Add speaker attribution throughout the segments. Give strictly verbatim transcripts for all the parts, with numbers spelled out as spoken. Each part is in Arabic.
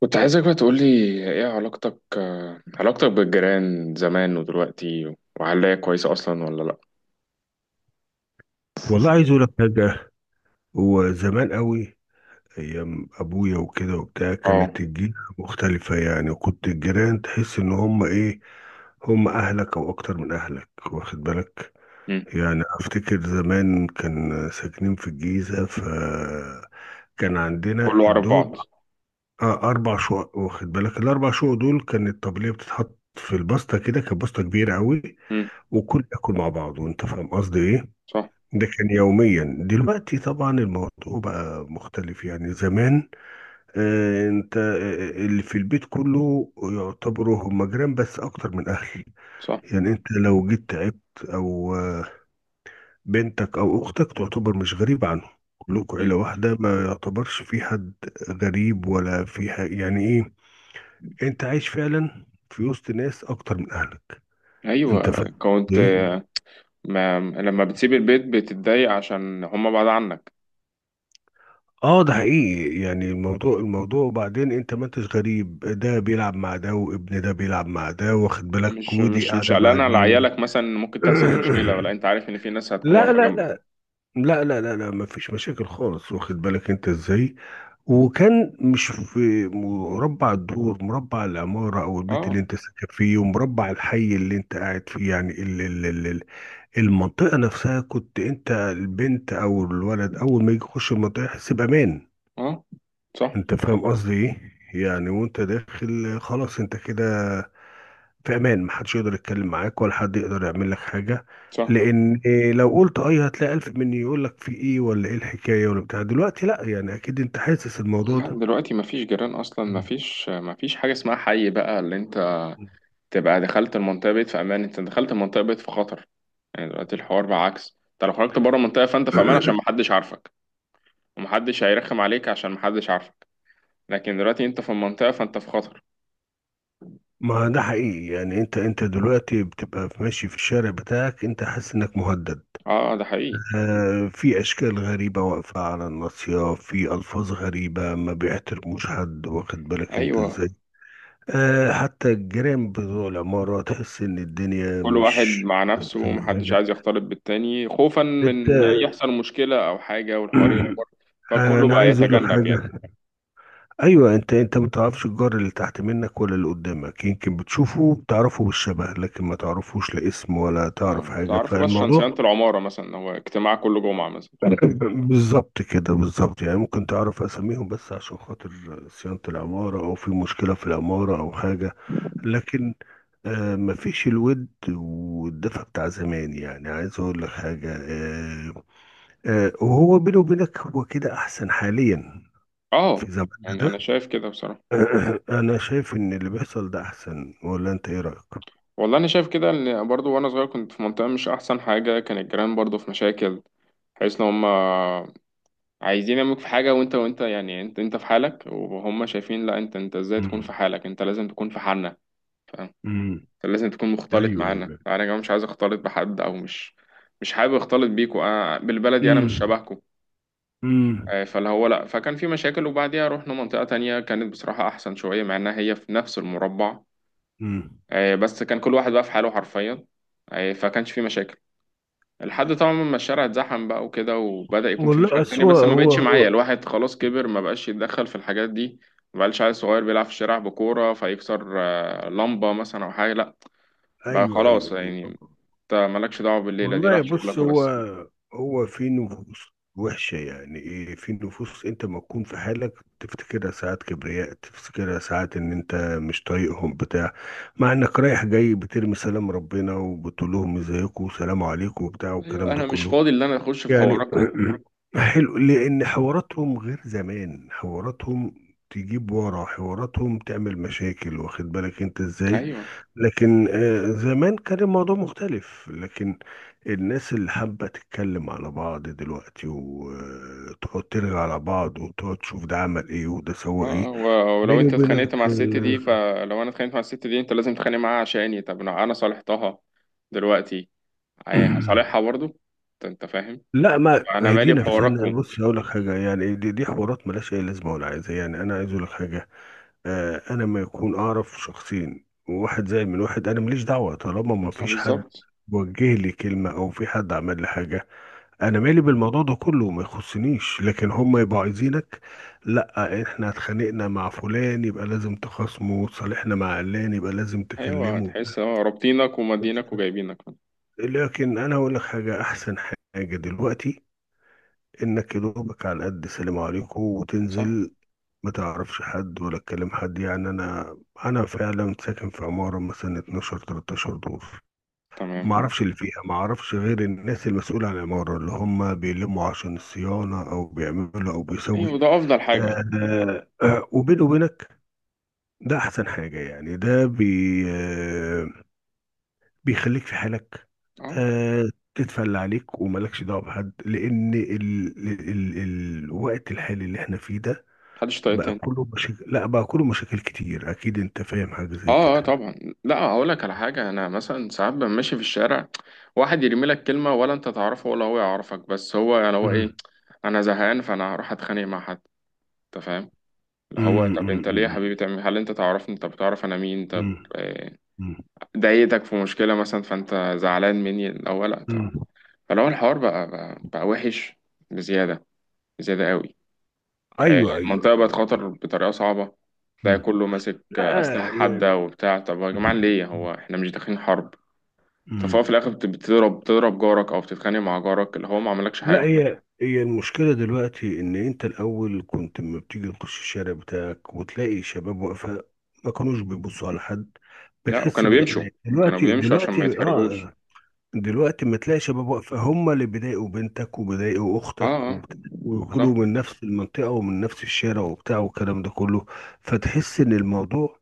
Speaker 1: كنت عايزك بقى تقولي، ايه علاقتك آه، علاقتك بالجيران زمان ودلوقتي، وهل هي كويسة أصلا ولا لأ؟
Speaker 2: والله عايز اقول لك حاجه. هو زمان قوي، ايام ابويا وكده وبتاع،
Speaker 1: اه.
Speaker 2: كانت الجيرة مختلفه يعني، وكنت الجيران تحس ان هم ايه، هم اهلك او اكتر من اهلك، واخد بالك.
Speaker 1: مم.
Speaker 2: يعني افتكر زمان كان ساكنين في الجيزه، فكان عندنا
Speaker 1: كله عارف
Speaker 2: الدود.
Speaker 1: بعض.
Speaker 2: آه اربع شقق، واخد بالك الاربع شقق دول، كانت الطبليه بتتحط في البسطه كده، كانت بسطه كبيره قوي،
Speaker 1: مم.
Speaker 2: وكل ياكل مع بعض، وانت فاهم قصدي ايه.
Speaker 1: صح،
Speaker 2: ده كان يوميا. دلوقتي طبعا الموضوع بقى مختلف يعني. زمان آه انت آه، آه، اللي في البيت كله يعتبروا هم جيران، بس اكتر من اهل
Speaker 1: صح.
Speaker 2: يعني. انت لو جيت تعبت او آه، بنتك او اختك، تعتبر مش غريب عنهم، كلكم عيلة
Speaker 1: مم.
Speaker 2: واحدة، ما يعتبرش في حد غريب، ولا في حاجة يعني. ايه، انت عايش فعلا في وسط ناس اكتر من اهلك، انت
Speaker 1: أيوة
Speaker 2: فاهم
Speaker 1: كنت.
Speaker 2: ليه؟
Speaker 1: آه، ما لما بتسيب البيت بتتضايق عشان هما بعاد عنك.
Speaker 2: اه ده حقيقي يعني. الموضوع الموضوع وبعدين انت ما انتش غريب، ده بيلعب مع ده، وابن ده بيلعب مع ده، واخد بالك،
Speaker 1: مش
Speaker 2: ودي
Speaker 1: مش مش
Speaker 2: قاعده مع
Speaker 1: قلقان على
Speaker 2: دي و...
Speaker 1: عيالك مثلا، إن ممكن تحصل مشكلة؟ ولا أنت عارف إن في ناس هتكون
Speaker 2: لا
Speaker 1: واقفة
Speaker 2: لا
Speaker 1: جنبك؟
Speaker 2: لا، لا لا لا لا، ما فيش مشاكل خالص، واخد بالك انت ازاي. وكان مش في مربع الدور، مربع العمارة او البيت اللي
Speaker 1: اه،
Speaker 2: انت ساكن فيه، ومربع الحي اللي انت قاعد فيه، يعني ال- ال- ال- ال- المنطقة نفسها. كنت انت البنت او الولد، اول ما يجي يخش المنطقة يحس بامان.
Speaker 1: اه. صح،
Speaker 2: انت فاهم قصدي ايه يعني؟ وانت داخل خلاص انت كده في امان، محدش يقدر يتكلم معاك، ولا حد يقدر يعمل لك حاجه.
Speaker 1: صح.
Speaker 2: لان إيه، لو قلت اي هتلاقي الف مني يقول لك في ايه، ولا ايه الحكايه، ولا بتاع. دلوقتي لا، يعني اكيد انت حاسس الموضوع
Speaker 1: لا،
Speaker 2: ده.
Speaker 1: دلوقتي مفيش جيران أصلا، مفيش مفيش حاجة اسمها حي بقى. اللي أنت
Speaker 2: مم.
Speaker 1: تبقى دخلت المنطقة بقيت في أمان، أنت دخلت المنطقة بقيت في خطر. يعني دلوقتي الحوار بقى عكس، أنت لو خرجت بره المنطقة فأنت في أمان عشان محدش عارفك، ومحدش هيرخم عليك عشان محدش عارفك. لكن دلوقتي أنت في المنطقة فأنت في خطر.
Speaker 2: ما ده حقيقي يعني. انت انت دلوقتي بتبقى ماشي في الشارع بتاعك، انت حاسس انك مهدد.
Speaker 1: أه، ده حقيقي.
Speaker 2: آه، في اشكال غريبه واقفه على الناصيه، في الفاظ غريبه، ما بيحترموش حد، واخد بالك انت
Speaker 1: أيوه.
Speaker 2: ازاي. آه، حتى الجيران بتوع العمارة تحس إن الدنيا
Speaker 1: كل واحد
Speaker 2: مش
Speaker 1: مع نفسه،
Speaker 2: أحسن
Speaker 1: ومحدش
Speaker 2: حاجة.
Speaker 1: عايز يختلط بالتاني خوفا
Speaker 2: أنت
Speaker 1: من يحصل مشكلة أو حاجة والحوار يكبر. فكله
Speaker 2: أنا
Speaker 1: بقى
Speaker 2: عايز أقول لك
Speaker 1: يتجنب يعني.
Speaker 2: حاجة. أيوه، أنت أنت ما تعرفش الجار اللي تحت منك ولا اللي قدامك. يمكن بتشوفه بتعرفه بالشبه، لكن ما تعرفوش لا اسم ولا تعرف
Speaker 1: اه،
Speaker 2: حاجة.
Speaker 1: تعرفوا بس عشان
Speaker 2: فالموضوع
Speaker 1: صيانة العمارة مثلا، هو اجتماع كل جمعة مثلا، فاهم؟
Speaker 2: بالظبط كده، بالظبط. يعني ممكن تعرف أساميهم بس عشان خاطر صيانة العمارة، أو في مشكلة في العمارة أو حاجة. لكن آه، مفيش الود والدفى بتاع زمان يعني. عايز اقول لك حاجه، آه، آه، وهو بيني وبينك هو كده احسن حاليا في
Speaker 1: اه.
Speaker 2: زماننا
Speaker 1: يعني أنا
Speaker 2: ده.
Speaker 1: شايف كده بصراحة.
Speaker 2: انا شايف ان اللي بيحصل ده احسن، ولا انت ايه رايك؟
Speaker 1: والله انا شايف كده، ان برضو وانا صغير كنت في منطقه مش احسن حاجه، كان الجيران برضو في مشاكل، حيث ان هم عايزين يعملوك في حاجه، وانت وانت يعني، انت انت في حالك، وهم شايفين لا، انت انت ازاي تكون في
Speaker 2: مم.
Speaker 1: حالك، انت لازم تكون في حالنا. فاهم.
Speaker 2: مم.
Speaker 1: أنت لازم تكون مختلط
Speaker 2: ايوه
Speaker 1: معانا،
Speaker 2: ايوه.
Speaker 1: انا كمان مش عايز اختلط بحد، او مش مش حابب اختلط بيكوا، انا بالبلدي انا مش
Speaker 2: مم.
Speaker 1: شبهكوا.
Speaker 2: مم.
Speaker 1: آه، فاللي هو لا، فكان في مشاكل، وبعديها رحنا منطقه تانية كانت بصراحه احسن شويه، مع انها هي في نفس المربع.
Speaker 2: مم.
Speaker 1: آه، بس كان كل واحد بقى في حاله حرفيا. آه، فكانش في مشاكل، لحد طبعا ما الشارع اتزحم بقى وكده، وبدأ يكون في مشاكل
Speaker 2: والله
Speaker 1: تانية، بس
Speaker 2: أسوأ.
Speaker 1: ما
Speaker 2: هو
Speaker 1: بقتش معايا،
Speaker 2: هو
Speaker 1: الواحد خلاص كبر ما بقاش يتدخل في الحاجات دي. ما بقاش عيل صغير بيلعب في الشارع بكورة فيكسر آه، لمبة مثلا أو حاجة، لأ. بقى
Speaker 2: ايوه
Speaker 1: خلاص
Speaker 2: ايوه ايوه.
Speaker 1: يعني. أنت مالكش دعوة بالليلة دي، رايح
Speaker 2: والله بص،
Speaker 1: شغلك
Speaker 2: هو
Speaker 1: وبس.
Speaker 2: هو في نفوس وحشة يعني. ايه، في نفوس انت ما تكون في حالك، تفتكرها ساعات كبرياء، تفتكرها ساعات ان انت مش طايقهم بتاع، مع انك رايح جاي بترمي سلام ربنا، وبتقول لهم ازيكم، وسلام عليكم وبتاع
Speaker 1: أيوة،
Speaker 2: والكلام ده
Speaker 1: أنا مش
Speaker 2: كله
Speaker 1: فاضي إن أنا أخش في
Speaker 2: يعني.
Speaker 1: حواركم.
Speaker 2: حلو، لأن حواراتهم غير زمان، حواراتهم تجيب ورا حواراتهم، تعمل مشاكل، واخد بالك انت ازاي.
Speaker 1: أيوة.
Speaker 2: لكن آه، زمان كان الموضوع مختلف. لكن الناس اللي حابة تتكلم على بعض دلوقتي، وتقعد ترغي على بعض، وتقعد تشوف ده عمل ايه وده
Speaker 1: اه.
Speaker 2: سوى ايه.
Speaker 1: آه، و- ولو
Speaker 2: بيني
Speaker 1: أنت
Speaker 2: وبينك
Speaker 1: اتخانقت مع الست دي،
Speaker 2: ال...
Speaker 1: فلو أنا اتخانقت مع الست دي أنت لازم تتخانق معاها عشاني، طب أنا أنا صالحتها دلوقتي. هي- هصالحها برضه. أنت أنت فاهم.
Speaker 2: لا، ما
Speaker 1: أنا مالي
Speaker 2: هدينا في سنة.
Speaker 1: بحواركم.
Speaker 2: بص هقول لك حاجة يعني، دي, دي حوارات ملهاش أي لازمة ولا عايزة يعني. أنا عايز أقول لك حاجة، آه، انا ما يكون اعرف شخصين واحد زي من واحد، انا ماليش دعوه، طالما ما
Speaker 1: آه،
Speaker 2: فيش حد
Speaker 1: بالظبط.
Speaker 2: وجه لي كلمه او في حد عمل لي حاجه. انا مالي بالموضوع ده كله، ما يخصنيش. لكن هم يبقوا عايزينك، لا احنا اتخانقنا مع فلان يبقى لازم تخاصمه، صالحنا مع علان يبقى لازم
Speaker 1: ايوه،
Speaker 2: تكلمه.
Speaker 1: تحس اه رابطينك ومدينك وجايبينك.
Speaker 2: لكن انا اقول لك حاجه، احسن حاجه دلوقتي انك يدوبك على قد سلام عليكم
Speaker 1: صح.
Speaker 2: وتنزل. ما تعرفش حد، ولا تكلم حد. يعني انا انا فعلا ساكن في عماره مثلا اتناشر تلتاشر دور، ما
Speaker 1: تمام.
Speaker 2: اعرفش اللي فيها، ما اعرفش غير الناس المسؤوله عن العماره، اللي هم بيلموا عشان الصيانه، او بيعملوا او بيسوي.
Speaker 1: ايوه، ده افضل حاجه.
Speaker 2: آه آه، وبيني وبينك ده احسن حاجه يعني. ده بي آه بيخليك في حالك.
Speaker 1: اه،
Speaker 2: آه، تتفل عليك وملكش دعوه بحد، لان ال ال ال الوقت الحالي اللي احنا فيه ده
Speaker 1: محدش طايق
Speaker 2: بقى
Speaker 1: تاني.
Speaker 2: كله مشاكل. لا بقى كله مشاكل كتير، اكيد انت فاهم حاجه زي
Speaker 1: اه، اه،
Speaker 2: كده.
Speaker 1: طبعا. لا، هقول لك على حاجه، انا مثلا ساعات ببقى ماشي في الشارع، واحد يرمي لك كلمه ولا انت تعرفه ولا هو يعرفك، بس هو يعني هو ايه؟
Speaker 2: مم.
Speaker 1: انا زهقان فانا هروح اتخانق مع حد؟ انت فاهم. اللي هو
Speaker 2: مم.
Speaker 1: طب انت ليه يا
Speaker 2: مم.
Speaker 1: حبيبي تعمل، هل انت تعرفني؟ طب تعرف انا مين؟ طب
Speaker 2: مم.
Speaker 1: آه،
Speaker 2: مم.
Speaker 1: ضايقتك في مشكله مثلا فانت زعلان مني الاول، لا طب.
Speaker 2: مم.
Speaker 1: فلو الحوار بقى بقى, بقى وحش، بزياده، زيادة قوي.
Speaker 2: ايوه ايوه.
Speaker 1: المنطقة بقت خطر بطريقة صعبة. تلاقي
Speaker 2: مم.
Speaker 1: كله ماسك أسلحة
Speaker 2: لا يعني.
Speaker 1: حادة وبتاع، طب يا جماعة ليه، هو احنا مش داخلين حرب؟
Speaker 2: مم.
Speaker 1: ففهو في الآخر بت- بتضرب بتضرب جارك أو بتتخانق مع جارك، اللي هو ما عملكش
Speaker 2: لا،
Speaker 1: حاجة.
Speaker 2: هي هي المشكله دلوقتي ان انت الاول كنت لما بتيجي تخش الشارع بتاعك وتلاقي شباب واقفه، ما كانوش بيبصوا على حد،
Speaker 1: لا،
Speaker 2: بتحس
Speaker 1: وكانوا بيمشوا.
Speaker 2: بالامان.
Speaker 1: كانوا
Speaker 2: دلوقتي،
Speaker 1: بيمشوا عشان
Speaker 2: دلوقتي
Speaker 1: ما يتحرجوش.
Speaker 2: اه، دلوقتي ما تلاقي شباب واقفة، هم اللي بيضايقوا بنتك وبيضايقوا
Speaker 1: اه،
Speaker 2: أختك
Speaker 1: اه،
Speaker 2: وبت-
Speaker 1: صح.
Speaker 2: ويقولوا من نفس المنطقة ومن نفس الشارع وبتاع والكلام ده كله. فتحس إن الموضوع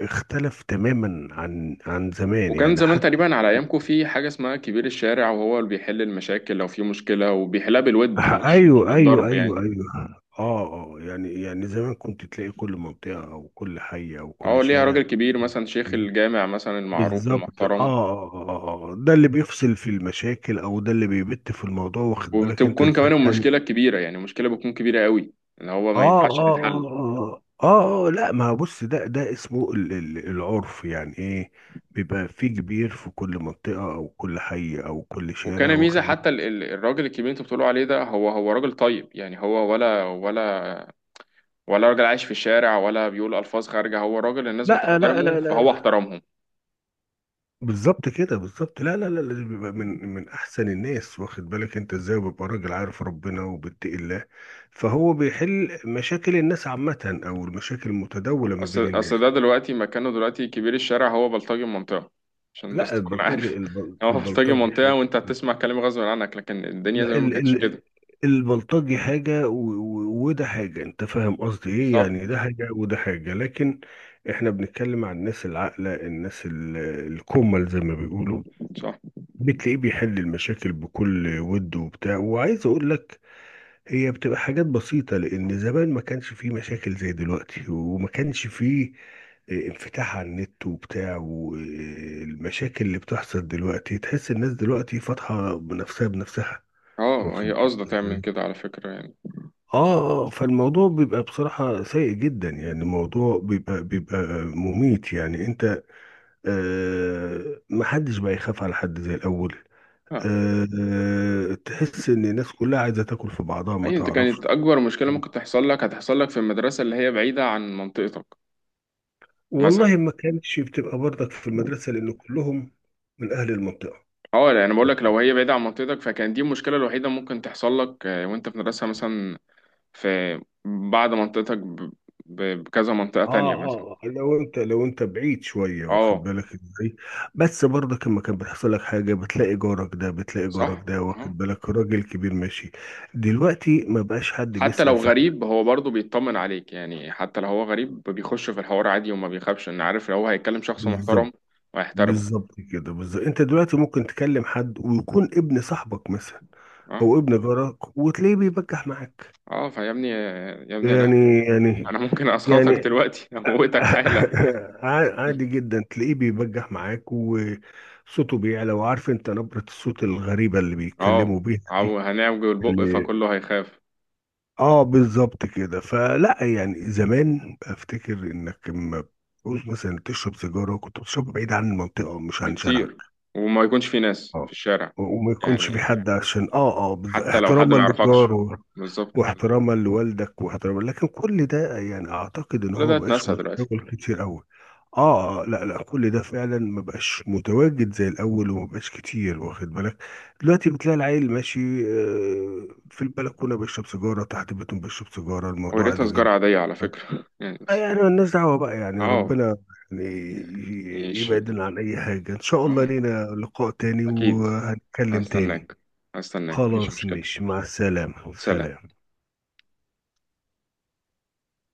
Speaker 2: اختلف تماما عن عن زمان
Speaker 1: وكان
Speaker 2: يعني.
Speaker 1: زمان
Speaker 2: حتى
Speaker 1: تقريبا على أيامكم في حاجة اسمها كبير الشارع، وهو اللي بيحل المشاكل لو في مشكلة، وبيحلها بالود، مش مش
Speaker 2: أيوه أيوه
Speaker 1: بالضرب
Speaker 2: أيوه
Speaker 1: يعني.
Speaker 2: أيوه. آه آه، يعني يعني زمان كنت تلاقي كل منطقة أو كل حي أو
Speaker 1: اه،
Speaker 2: كل
Speaker 1: ليها
Speaker 2: شارع.
Speaker 1: راجل كبير مثلا، شيخ الجامع مثلا، المعروف
Speaker 2: بالظبط. آه,
Speaker 1: المحترم.
Speaker 2: آه, آه آه. آه. ده اللي بيفصل في المشاكل، أو ده اللي بيبت في الموضوع، واخد بالك أنت
Speaker 1: وبتكون
Speaker 2: إزاي
Speaker 1: كمان
Speaker 2: يعني.
Speaker 1: المشكلة كبيرة، يعني المشكلة بتكون كبيرة قوي، ان هو ما
Speaker 2: اه
Speaker 1: ينفعش
Speaker 2: اه اه
Speaker 1: تتحل.
Speaker 2: اه اه، آه، لا ما بص، ده ده اسمه ال- ال- العرف يعني. ايه، بيبقى في كبير في كل منطقة او كل حي او كل شارع،
Speaker 1: وكان ميزة
Speaker 2: واخد
Speaker 1: حتى
Speaker 2: بالك.
Speaker 1: ال- ال- الراجل الكبير اللي انتوا بتقولوا عليه ده، هو هو راجل طيب يعني، هو ولا ولا ولا راجل عايش في الشارع، ولا بيقول ألفاظ خارجة، هو راجل الناس
Speaker 2: لا لا
Speaker 1: بتحترمه
Speaker 2: لا، لا
Speaker 1: فهو
Speaker 2: لا.
Speaker 1: احترمهم.
Speaker 2: بالظبط كده، بالظبط. لا لا لا لا، ده بيبقى من من احسن الناس، واخد بالك انت ازاي. وبيبقى راجل عارف ربنا وبيتقي الله، فهو بيحل مشاكل الناس عامة، او المشاكل المتداولة ما بين
Speaker 1: اصل
Speaker 2: الناس.
Speaker 1: اصل ده دلوقتي مكانه، دلوقتي كبير الشارع هو بلطجي المنطقة. عشان بس
Speaker 2: لا،
Speaker 1: تكون
Speaker 2: البلطجي
Speaker 1: عارف
Speaker 2: البل-
Speaker 1: هو بلطجي
Speaker 2: البلطجي
Speaker 1: المنطقة،
Speaker 2: حاجة.
Speaker 1: وانت هتسمع كلام غصب عنك، لكن الدنيا
Speaker 2: لا
Speaker 1: زمان ما
Speaker 2: ال
Speaker 1: كانتش
Speaker 2: ال
Speaker 1: كده.
Speaker 2: البلطجي حاجة، و- و- وده حاجة، انت فاهم قصدي ايه
Speaker 1: صح،
Speaker 2: يعني. ده حاجة وده حاجة. لكن احنا بنتكلم عن الناس العاقلة، الناس ال- الكمل زي ما بيقولوا.
Speaker 1: صح.
Speaker 2: بتلاقيه بيحل المشاكل بكل ود وبتاع. وعايز اقول لك، هي بتبقى حاجات بسيطة، لان زمان ما كانش فيه مشاكل زي دلوقتي، وما كانش فيه آه، انفتاح على النت وبتاع، والمشاكل اللي بتحصل دلوقتي تحس الناس دلوقتي فاتحة بنفسها بنفسها،
Speaker 1: اه،
Speaker 2: واخد
Speaker 1: هي
Speaker 2: بالك
Speaker 1: قصده تعمل
Speaker 2: ازاي؟
Speaker 1: كده على فكرة يعني.
Speaker 2: اه. آه، فالموضوع بيبقى بصراحة سيء جدا يعني. الموضوع بيبقى بيبقى مميت يعني. انت آه، محدش بقى يخاف على حد زي الاول.
Speaker 1: آه.
Speaker 2: آه، آه، تحس ان الناس كلها عايزة تاكل في بعضها، ما
Speaker 1: أي أنت،
Speaker 2: تعرفش.
Speaker 1: كانت أكبر مشكلة ممكن تحصل لك هتحصل لك في المدرسة، اللي هي بعيدة عن منطقتك مثلا.
Speaker 2: والله ما كانتش بتبقى برضك في المدرسة، لان كلهم من اهل المنطقة.
Speaker 1: أه يعني أنا بقول لك، لو هي بعيدة عن منطقتك، فكان دي المشكلة الوحيدة ممكن تحصل لك. آه، وأنت في مدرسة مثلا، في بعد منطقتك ب- ب- بكذا منطقة
Speaker 2: اه
Speaker 1: تانية مثلا.
Speaker 2: اه، آه، لو انت، لو انت بعيد شويه، واخد
Speaker 1: أه.
Speaker 2: بالك ازاي. بس برضك لما كان بيحصل لك حاجه، بتلاقي جارك ده بتلاقي جارك
Speaker 1: صح.
Speaker 2: ده
Speaker 1: أه.
Speaker 2: واخد بالك، راجل كبير ماشي. دلوقتي ما بقاش حد
Speaker 1: حتى
Speaker 2: بيسأل
Speaker 1: لو
Speaker 2: في حد.
Speaker 1: غريب هو برضه بيطمن عليك، يعني حتى لو هو غريب بيخش في الحوار عادي، وما بيخافش، إن عارف لو هو هيتكلم شخص محترم
Speaker 2: بالظبط.
Speaker 1: وهيحترمه.
Speaker 2: بالظبط كده، بالظبط. انت دلوقتي ممكن تكلم حد ويكون ابن صاحبك مثلا،
Speaker 1: أه،
Speaker 2: او ابن جارك، وتلاقيه بيبجح معاك.
Speaker 1: أه، فيا ابني يا ابني. أنا
Speaker 2: يعني. يعني.
Speaker 1: أنا ممكن أسخطك
Speaker 2: يعني.
Speaker 1: دلوقتي أموتك حالا.
Speaker 2: ع- عادي جدا تلاقيه بيبجح معاك، وصوته بيعلى، وعارف انت نبرة الصوت الغريبة اللي
Speaker 1: اه.
Speaker 2: بيتكلموا بيها دي،
Speaker 1: عو- هنعوج البق
Speaker 2: اللي
Speaker 1: فكله هيخاف.
Speaker 2: اه. بالظبط كده. فلا يعني، زمان افتكر انك لما بتعوز مثلا تشرب سيجارة، كنت بتشرب بعيد عن المنطقة، مش عن شارعك.
Speaker 1: بكتير، وما يكونش في ناس في
Speaker 2: اه،
Speaker 1: الشارع،
Speaker 2: وما يكونش في
Speaker 1: يعني
Speaker 2: حد، عشان اه اه. بالظبط.
Speaker 1: حتى لو حد
Speaker 2: احتراما
Speaker 1: ما يعرفكش.
Speaker 2: للجار،
Speaker 1: بالظبط.
Speaker 2: واحتراما لوالدك، واحتراما. لكن كل ده يعني اعتقد ان
Speaker 1: كل
Speaker 2: هو
Speaker 1: ده
Speaker 2: مبقاش
Speaker 1: اتنسى دلوقتي.
Speaker 2: متداول كتير قوي. اه، آه، لا لا، كل ده فعلا مبقاش متواجد زي الاول، ومبقاش كتير، واخد بالك. دلوقتي بتلاقي العيل ماشي، آه، في البلكونه بيشرب سيجاره، تحت بيتهم بيشرب سيجاره، الموضوع
Speaker 1: وريتها
Speaker 2: عادي
Speaker 1: سجارة
Speaker 2: جدا.
Speaker 1: عادية على فكرة يعني
Speaker 2: آه،
Speaker 1: بس.
Speaker 2: يعني مالناش دعوه بقى، يعني
Speaker 1: اه.
Speaker 2: ربنا يعني ي-
Speaker 1: ماشي.
Speaker 2: يبعدنا عن اي حاجه. ان شاء الله
Speaker 1: اه.
Speaker 2: لينا لقاء تاني
Speaker 1: اكيد.
Speaker 2: وهنتكلم تاني.
Speaker 1: هستناك. هستناك، مفيش
Speaker 2: خلاص،
Speaker 1: مشكلة.
Speaker 2: مش مع السلامه،
Speaker 1: سلام.
Speaker 2: سلام.